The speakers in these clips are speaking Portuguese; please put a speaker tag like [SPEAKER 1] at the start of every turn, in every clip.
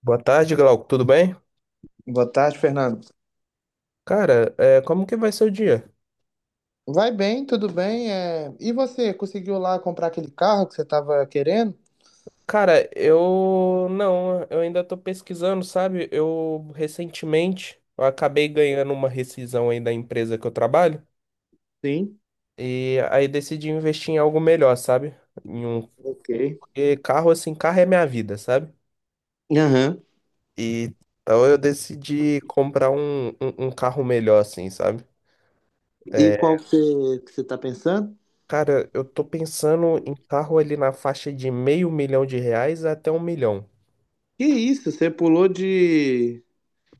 [SPEAKER 1] Boa tarde, Glauco. Tudo bem?
[SPEAKER 2] Boa tarde, Fernando.
[SPEAKER 1] Cara, como que vai ser o dia?
[SPEAKER 2] Vai bem, tudo bem. É. E você, conseguiu lá comprar aquele carro que você estava querendo?
[SPEAKER 1] Cara, eu não, eu ainda tô pesquisando, sabe? Eu recentemente eu acabei ganhando uma rescisão aí da empresa que eu trabalho
[SPEAKER 2] Sim,
[SPEAKER 1] e aí decidi investir em algo melhor, sabe? Em um
[SPEAKER 2] ok.
[SPEAKER 1] Porque carro assim, carro é minha vida, sabe?
[SPEAKER 2] Aham.
[SPEAKER 1] E então eu decidi comprar um carro melhor assim, sabe?
[SPEAKER 2] E qual que você tá pensando?
[SPEAKER 1] Cara, eu tô pensando em carro ali na faixa de meio milhão de reais até um milhão.
[SPEAKER 2] Que isso, você pulou de,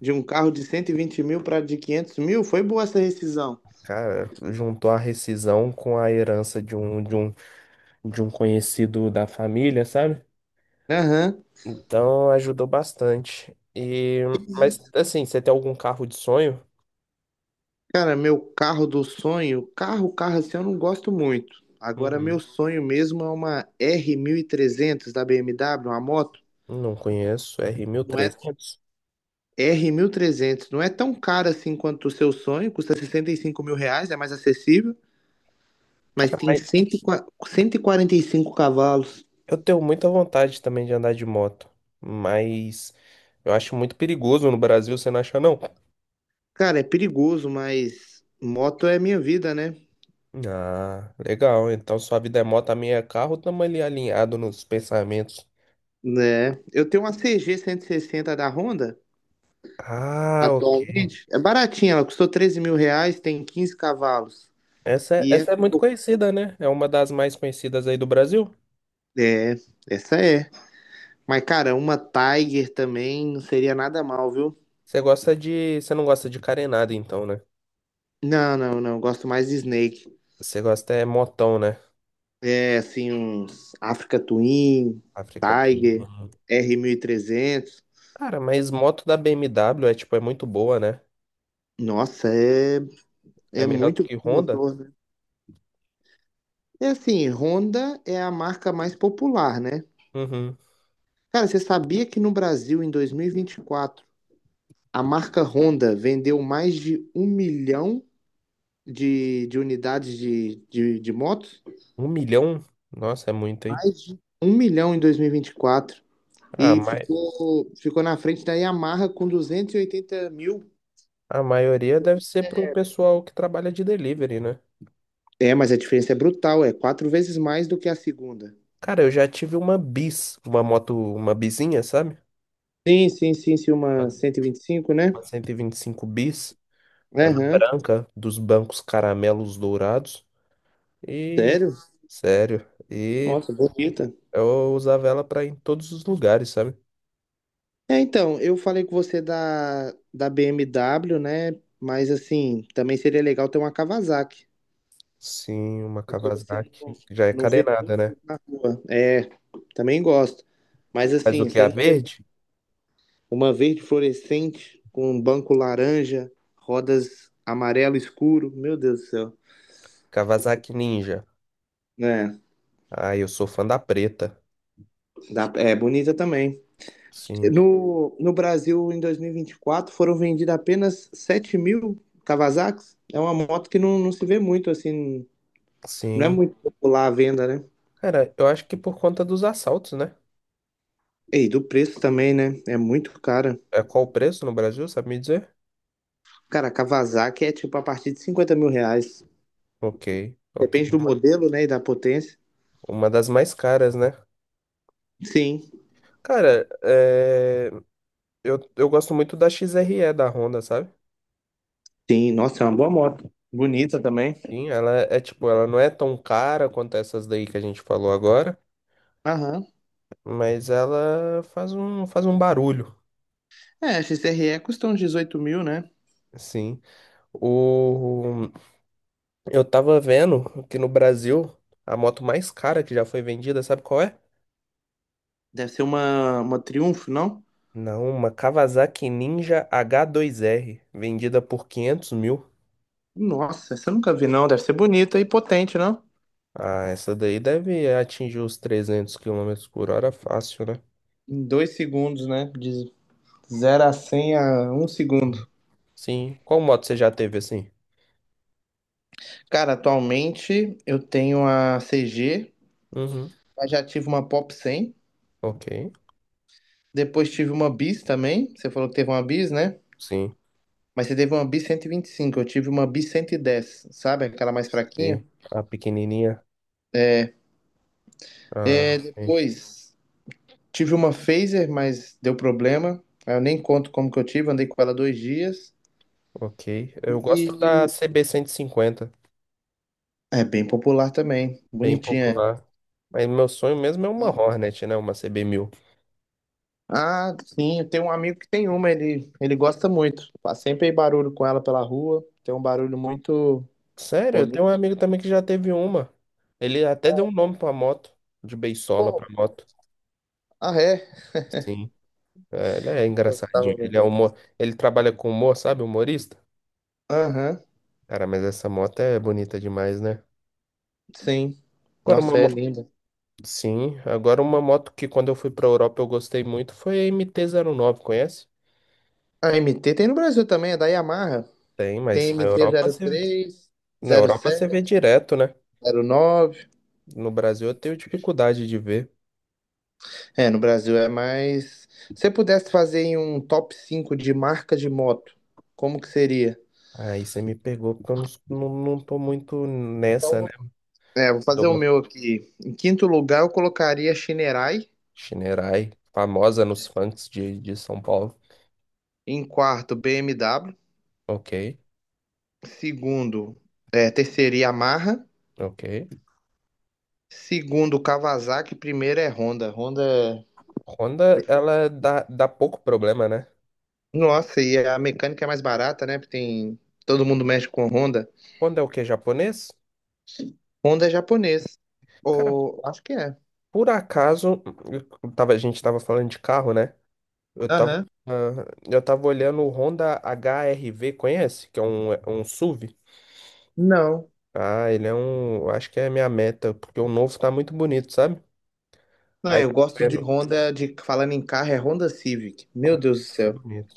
[SPEAKER 2] de um carro de 120 mil para de 500 mil? Foi boa essa rescisão.
[SPEAKER 1] Cara, juntou a rescisão com a herança de um conhecido da família, sabe?
[SPEAKER 2] Aham.
[SPEAKER 1] Então ajudou bastante. Mas assim, você tem algum carro de sonho?
[SPEAKER 2] Cara, meu carro do sonho, carro, carro assim eu não gosto muito. Agora, meu
[SPEAKER 1] Uhum.
[SPEAKER 2] sonho mesmo é uma R 1300 da BMW, uma moto.
[SPEAKER 1] Não conheço, r mil e
[SPEAKER 2] Não é.
[SPEAKER 1] trezentos
[SPEAKER 2] R 1300 não é tão caro assim quanto o seu sonho, custa 65 mil reais, é mais acessível, mas
[SPEAKER 1] Cara,
[SPEAKER 2] tem
[SPEAKER 1] mas
[SPEAKER 2] 145 cavalos.
[SPEAKER 1] eu tenho muita vontade também de andar de moto, mas eu acho muito perigoso no Brasil, você não acha não?
[SPEAKER 2] Cara, é perigoso, mas moto é minha vida, né?
[SPEAKER 1] Ah, legal. Então sua vida é moto, a minha é carro, estamos ali alinhado nos pensamentos.
[SPEAKER 2] Né? Eu tenho uma CG sessenta da Honda
[SPEAKER 1] Ah,
[SPEAKER 2] atualmente, é baratinha, ela custou 13 mil reais, tem 15 cavalos.
[SPEAKER 1] Essa é,
[SPEAKER 2] E
[SPEAKER 1] essa é muito conhecida, né? É uma das mais conhecidas aí do Brasil.
[SPEAKER 2] é, essa é. Mas, cara, uma Tiger também não seria nada mal, viu?
[SPEAKER 1] Você não gosta de carenada, então, né?
[SPEAKER 2] Não, não, não, gosto mais de Snake.
[SPEAKER 1] Você gosta é motão, né?
[SPEAKER 2] É, assim, uns Africa Twin,
[SPEAKER 1] África do
[SPEAKER 2] Tiger,
[SPEAKER 1] Norte.
[SPEAKER 2] R 1300.
[SPEAKER 1] Cara, mas moto da BMW é tipo, é muito boa, né?
[SPEAKER 2] Nossa, é,
[SPEAKER 1] É
[SPEAKER 2] é
[SPEAKER 1] melhor do
[SPEAKER 2] muito
[SPEAKER 1] que
[SPEAKER 2] bom
[SPEAKER 1] Honda?
[SPEAKER 2] motor, né? É assim, Honda é a marca mais popular, né?
[SPEAKER 1] Uhum.
[SPEAKER 2] Cara, você sabia que no Brasil, em 2024, a marca Honda vendeu mais de um milhão de, unidades de, de motos?
[SPEAKER 1] Um milhão? Nossa, é muito, hein?
[SPEAKER 2] Mais de um milhão em 2024.
[SPEAKER 1] A,
[SPEAKER 2] E vinte e quatro. E
[SPEAKER 1] ma...
[SPEAKER 2] ficou na frente da Yamaha com 280 mil.
[SPEAKER 1] a maioria deve ser pro pessoal que trabalha de delivery, né?
[SPEAKER 2] É, mas a diferença é brutal, é quatro vezes mais do que a segunda.
[SPEAKER 1] Cara, eu já tive uma bis, uma moto, uma bizinha, sabe?
[SPEAKER 2] Sim, sim, sim, sim, uma cento e vinte e cinco, né?
[SPEAKER 1] Uma 125 bis. Era
[SPEAKER 2] Aham,
[SPEAKER 1] branca, dos bancos caramelos dourados. E.
[SPEAKER 2] sério?
[SPEAKER 1] Sério. E
[SPEAKER 2] Nossa, bonita.
[SPEAKER 1] eu usava ela pra ir em todos os lugares, sabe?
[SPEAKER 2] É, então, eu falei com você da BMW, né? Mas assim, também seria legal ter uma Kawasaki,
[SPEAKER 1] Sim, uma
[SPEAKER 2] porque você não,
[SPEAKER 1] Kawasaki, que já é
[SPEAKER 2] não vê
[SPEAKER 1] carenada,
[SPEAKER 2] muito
[SPEAKER 1] né?
[SPEAKER 2] na rua. É, também gosto. Mas
[SPEAKER 1] Mas o
[SPEAKER 2] assim,
[SPEAKER 1] que é
[SPEAKER 2] você
[SPEAKER 1] a
[SPEAKER 2] não vê
[SPEAKER 1] verde?
[SPEAKER 2] uma verde fluorescente com um banco laranja, rodas amarelo escuro, meu Deus do céu.
[SPEAKER 1] Kawasaki Ninja.
[SPEAKER 2] É,
[SPEAKER 1] Ah, eu sou fã da preta.
[SPEAKER 2] é bonita também.
[SPEAKER 1] Sim.
[SPEAKER 2] No Brasil, em 2024, foram vendidas apenas 7 mil Kawasaki's. É uma moto que não se vê muito, assim, não é
[SPEAKER 1] Sim.
[SPEAKER 2] muito popular a venda, né?
[SPEAKER 1] Cara, eu acho que por conta dos assaltos, né?
[SPEAKER 2] E do preço também, né? É muito cara.
[SPEAKER 1] É qual o preço no Brasil, sabe me dizer?
[SPEAKER 2] Cara, a Kawasaki é tipo a partir de 50 mil reais.
[SPEAKER 1] Ok, ok.
[SPEAKER 2] Depende do modelo, né? E da potência.
[SPEAKER 1] Uma das mais caras, né?
[SPEAKER 2] Sim,
[SPEAKER 1] Cara, eu gosto muito da XRE da Honda, sabe?
[SPEAKER 2] sim. Nossa, é uma boa moto. Bonita também.
[SPEAKER 1] Sim, ela é, tipo, ela não é tão cara quanto essas daí que a gente falou agora,
[SPEAKER 2] Aham.
[SPEAKER 1] mas ela faz um barulho,
[SPEAKER 2] É, a XRE custa uns 18 mil, né?
[SPEAKER 1] assim. O, eu tava vendo que no Brasil, a moto mais cara que já foi vendida, sabe qual é?
[SPEAKER 2] Deve ser uma Triumph, não?
[SPEAKER 1] Não, uma Kawasaki Ninja H2R, vendida por 500 mil.
[SPEAKER 2] Nossa, essa eu nunca vi, não. Deve ser bonita e potente, não?
[SPEAKER 1] Ah, essa daí deve atingir os 300 km/h fácil, né?
[SPEAKER 2] Em 2 segundos, né? De 0 a 100 a um
[SPEAKER 1] Uhum.
[SPEAKER 2] segundo.
[SPEAKER 1] Sim. Qual moto você já teve assim?
[SPEAKER 2] Cara, atualmente eu tenho a CG,
[SPEAKER 1] Uhum.
[SPEAKER 2] mas já tive uma Pop 100.
[SPEAKER 1] Ok.
[SPEAKER 2] Depois tive uma Bis também. Você falou que teve uma Bis, né?
[SPEAKER 1] Sim.
[SPEAKER 2] Mas você teve uma Bis 125. Eu tive uma Bis 110, sabe? Aquela mais fraquinha.
[SPEAKER 1] Sim. A pequenininha.
[SPEAKER 2] É,
[SPEAKER 1] Ah, ok.
[SPEAKER 2] depois tive uma Phaser, mas deu problema. Eu nem conto como que eu tive. Andei com ela 2 dias.
[SPEAKER 1] Ok. Eu gosto
[SPEAKER 2] E
[SPEAKER 1] da CB 50,
[SPEAKER 2] é bem popular também.
[SPEAKER 1] bem
[SPEAKER 2] Bonitinha ela.
[SPEAKER 1] popular. Mas meu sonho mesmo é uma Hornet, né? Uma CB 1000.
[SPEAKER 2] Ah, sim, eu tenho um amigo que tem uma, ele gosta muito. Faz sempre barulho com ela pela rua, tem um barulho muito
[SPEAKER 1] Sério, eu tenho um
[SPEAKER 2] bonito.
[SPEAKER 1] amigo também que já teve uma. Ele até deu um nome pra moto, de Beisola pra
[SPEAKER 2] Pô,
[SPEAKER 1] moto.
[SPEAKER 2] ah, é?
[SPEAKER 1] Sim, ele é engraçadinho.
[SPEAKER 2] Gostava
[SPEAKER 1] Ele é
[SPEAKER 2] mesmo.
[SPEAKER 1] humor, ele trabalha com humor, sabe? Humorista.
[SPEAKER 2] Aham,
[SPEAKER 1] Cara, mas essa moto é bonita demais, né?
[SPEAKER 2] sim.
[SPEAKER 1] Agora uma,
[SPEAKER 2] Nossa, é
[SPEAKER 1] mo-
[SPEAKER 2] linda.
[SPEAKER 1] sim, agora uma moto que quando eu fui pra Europa eu gostei muito foi a MT-09. Conhece?
[SPEAKER 2] A MT tem no Brasil também, é da Yamaha.
[SPEAKER 1] Tem,
[SPEAKER 2] Tem
[SPEAKER 1] mas
[SPEAKER 2] MT sete,
[SPEAKER 1] Na Europa você vê direto, né?
[SPEAKER 2] zero nove.
[SPEAKER 1] No Brasil eu tenho dificuldade de ver.
[SPEAKER 2] É, no Brasil é mais. Se você pudesse fazer em um top 5 de marca de moto, como que seria?
[SPEAKER 1] Aí você me pegou porque eu não tô muito nessa, né?
[SPEAKER 2] É, vou fazer o
[SPEAKER 1] Douglas
[SPEAKER 2] meu aqui. Em quinto lugar, eu colocaria Shinerai.
[SPEAKER 1] Shinerai, famosa nos funks de São Paulo.
[SPEAKER 2] Em quarto, BMW.
[SPEAKER 1] Ok,
[SPEAKER 2] Segundo, é, terceiro, Yamaha.
[SPEAKER 1] ok.
[SPEAKER 2] Segundo, Kawasaki. Primeiro é Honda. Honda é...
[SPEAKER 1] Honda, ela dá pouco problema, né?
[SPEAKER 2] Nossa, e a mecânica é mais barata, né? Porque tem... Todo mundo mexe com Honda.
[SPEAKER 1] Honda é o quê? Japonês?
[SPEAKER 2] Honda é japonês.
[SPEAKER 1] Cara,
[SPEAKER 2] Ou... Acho que é.
[SPEAKER 1] por acaso, a gente tava falando de carro, né? Eu tava,
[SPEAKER 2] Aham.
[SPEAKER 1] eu tava olhando o Honda HRV, conhece? Que é um SUV.
[SPEAKER 2] Não.
[SPEAKER 1] Ah, ele é um. Eu acho que é a minha meta, porque o novo tá muito bonito, sabe?
[SPEAKER 2] Não,
[SPEAKER 1] Aí
[SPEAKER 2] eu
[SPEAKER 1] tá
[SPEAKER 2] gosto de
[SPEAKER 1] vendo.
[SPEAKER 2] Honda, de falando em carro, é Honda Civic. Meu Deus do
[SPEAKER 1] É
[SPEAKER 2] céu.
[SPEAKER 1] bonito.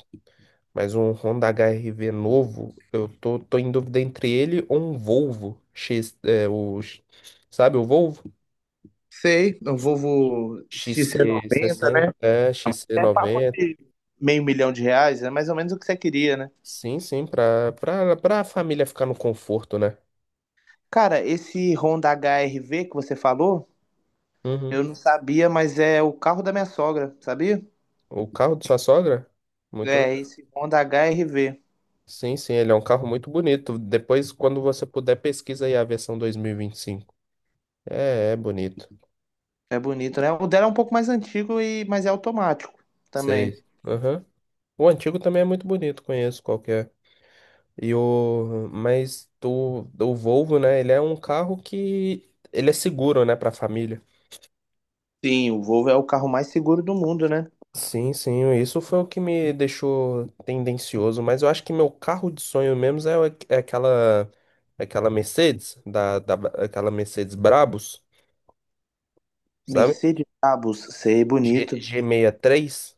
[SPEAKER 1] Mas um Honda HR-V novo, eu tô em dúvida entre ele ou um Volvo X, é, o, X- Sabe o Volvo?
[SPEAKER 2] Sei, o Volvo XC noventa,
[SPEAKER 1] XC60,
[SPEAKER 2] né?
[SPEAKER 1] XC90.
[SPEAKER 2] E meio milhão de reais, é mais ou menos o que você queria, né?
[SPEAKER 1] Sim, sim, pra família ficar no conforto, né?
[SPEAKER 2] Cara, esse Honda HRV que você falou,
[SPEAKER 1] Uhum.
[SPEAKER 2] eu não sabia, mas é o carro da minha sogra, sabia?
[SPEAKER 1] O carro de sua sogra? Muito
[SPEAKER 2] É,
[SPEAKER 1] legal.
[SPEAKER 2] esse Honda HRV.
[SPEAKER 1] Sim, sim, ele é um carro muito bonito. Depois, quando você puder, pesquisa aí a versão 2025. É, é bonito.
[SPEAKER 2] É bonito, né? O dela é um pouco mais antigo, e, mas é automático também.
[SPEAKER 1] Sei. Aham. O antigo também é muito bonito, conheço qualquer. E o mas o Volvo, né, ele é um carro que ele é seguro, né, para família.
[SPEAKER 2] Sim, o Volvo é o carro mais seguro do mundo, né?
[SPEAKER 1] Sim, sim, isso foi o que me deixou tendencioso, mas eu acho que meu carro de sonho mesmo é aquela Mercedes Brabus, sabe?
[SPEAKER 2] Mercedes Brabus, sei, bonito.
[SPEAKER 1] G63.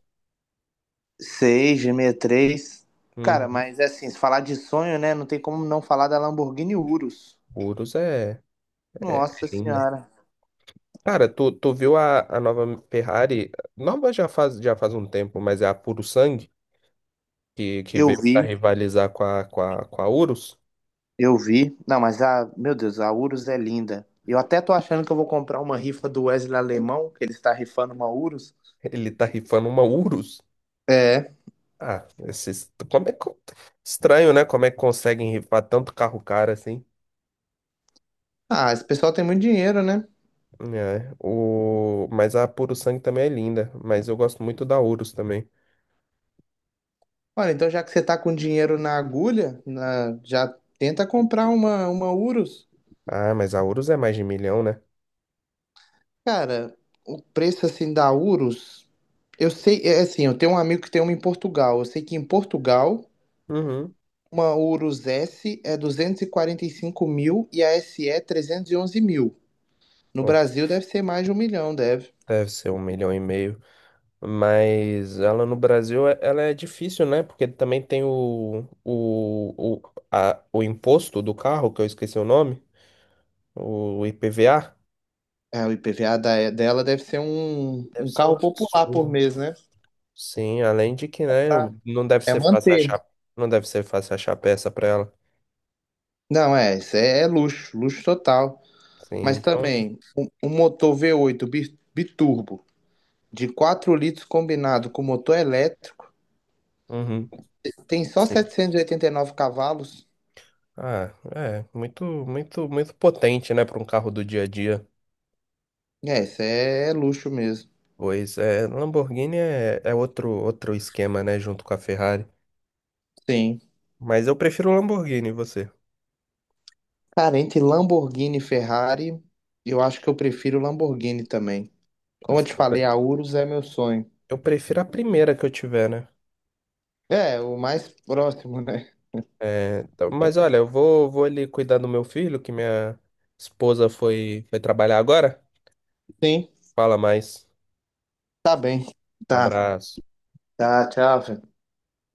[SPEAKER 2] 6, G63. Cara,
[SPEAKER 1] Uhum.
[SPEAKER 2] mas é assim, se falar de sonho, né? Não tem como não falar da Lamborghini Urus.
[SPEAKER 1] Urus é
[SPEAKER 2] Nossa
[SPEAKER 1] linda.
[SPEAKER 2] Senhora.
[SPEAKER 1] Cara, tu viu a nova Ferrari? Nova já faz um tempo, mas é a Puro Sangue, que
[SPEAKER 2] Eu
[SPEAKER 1] veio pra
[SPEAKER 2] vi.
[SPEAKER 1] rivalizar com a Urus.
[SPEAKER 2] Eu vi. Não, mas a, meu Deus, a Urus é linda. Eu até tô achando que eu vou comprar uma rifa do Wesley Alemão, que ele está rifando uma Urus.
[SPEAKER 1] Ele tá rifando uma Urus.
[SPEAKER 2] É.
[SPEAKER 1] Ah, esses, como é que, Estranho, né? Como é que conseguem rifar tanto carro caro assim?
[SPEAKER 2] Ah, esse pessoal tem muito dinheiro, né?
[SPEAKER 1] É, mas a Puro Sangue também é linda, mas eu gosto muito da Urus também.
[SPEAKER 2] Olha, então já que você tá com dinheiro na agulha, já tenta comprar uma Urus.
[SPEAKER 1] Ah, mas a Urus é mais de milhão, né?
[SPEAKER 2] Cara, o preço assim da Urus, eu sei, é assim, eu tenho um amigo que tem uma em Portugal. Eu sei que em Portugal,
[SPEAKER 1] Uhum.
[SPEAKER 2] uma Urus S é duzentos e quarenta e cinco mil e a SE é 11 mil. No
[SPEAKER 1] Pô,
[SPEAKER 2] Brasil deve ser mais de um milhão, deve.
[SPEAKER 1] deve ser um milhão e meio. Mas ela no Brasil, ela é difícil, né? Porque também tem o imposto do carro, que eu esqueci o nome, o IPVA.
[SPEAKER 2] É, o IPVA dela deve ser um,
[SPEAKER 1] Deve
[SPEAKER 2] um
[SPEAKER 1] ser um
[SPEAKER 2] carro popular por
[SPEAKER 1] absurdo.
[SPEAKER 2] mês, né?
[SPEAKER 1] Sim, além de que, né,
[SPEAKER 2] Tá.
[SPEAKER 1] não deve
[SPEAKER 2] É
[SPEAKER 1] ser fácil
[SPEAKER 2] manter.
[SPEAKER 1] achar, não deve ser fácil achar peça para ela.
[SPEAKER 2] Não, é, isso é luxo, luxo total.
[SPEAKER 1] Sim,
[SPEAKER 2] Mas
[SPEAKER 1] então,
[SPEAKER 2] também, um motor V8 biturbo de 4 litros combinado com motor elétrico
[SPEAKER 1] uhum,
[SPEAKER 2] tem só
[SPEAKER 1] sim.
[SPEAKER 2] setecentos e oitenta e nove cavalos.
[SPEAKER 1] Ah, é muito, muito, muito potente, né, para um carro do dia a dia.
[SPEAKER 2] É, isso é luxo mesmo.
[SPEAKER 1] Pois é, Lamborghini é outro esquema, né, junto com a Ferrari.
[SPEAKER 2] Sim.
[SPEAKER 1] Mas eu prefiro o Lamborghini, e você?
[SPEAKER 2] Cara, entre Lamborghini e Ferrari, eu acho que eu prefiro Lamborghini também. Como eu
[SPEAKER 1] Assim,
[SPEAKER 2] te
[SPEAKER 1] Eu
[SPEAKER 2] falei,
[SPEAKER 1] pre-
[SPEAKER 2] a Urus é meu sonho.
[SPEAKER 1] eu prefiro a primeira que eu tiver, né?
[SPEAKER 2] É, o mais próximo, né?
[SPEAKER 1] É, mas olha, eu vou ali cuidar do meu filho, que minha esposa foi trabalhar agora.
[SPEAKER 2] Sim,
[SPEAKER 1] Fala mais.
[SPEAKER 2] tá bem. Tá,
[SPEAKER 1] Abraço.
[SPEAKER 2] tá, tchau, Fê.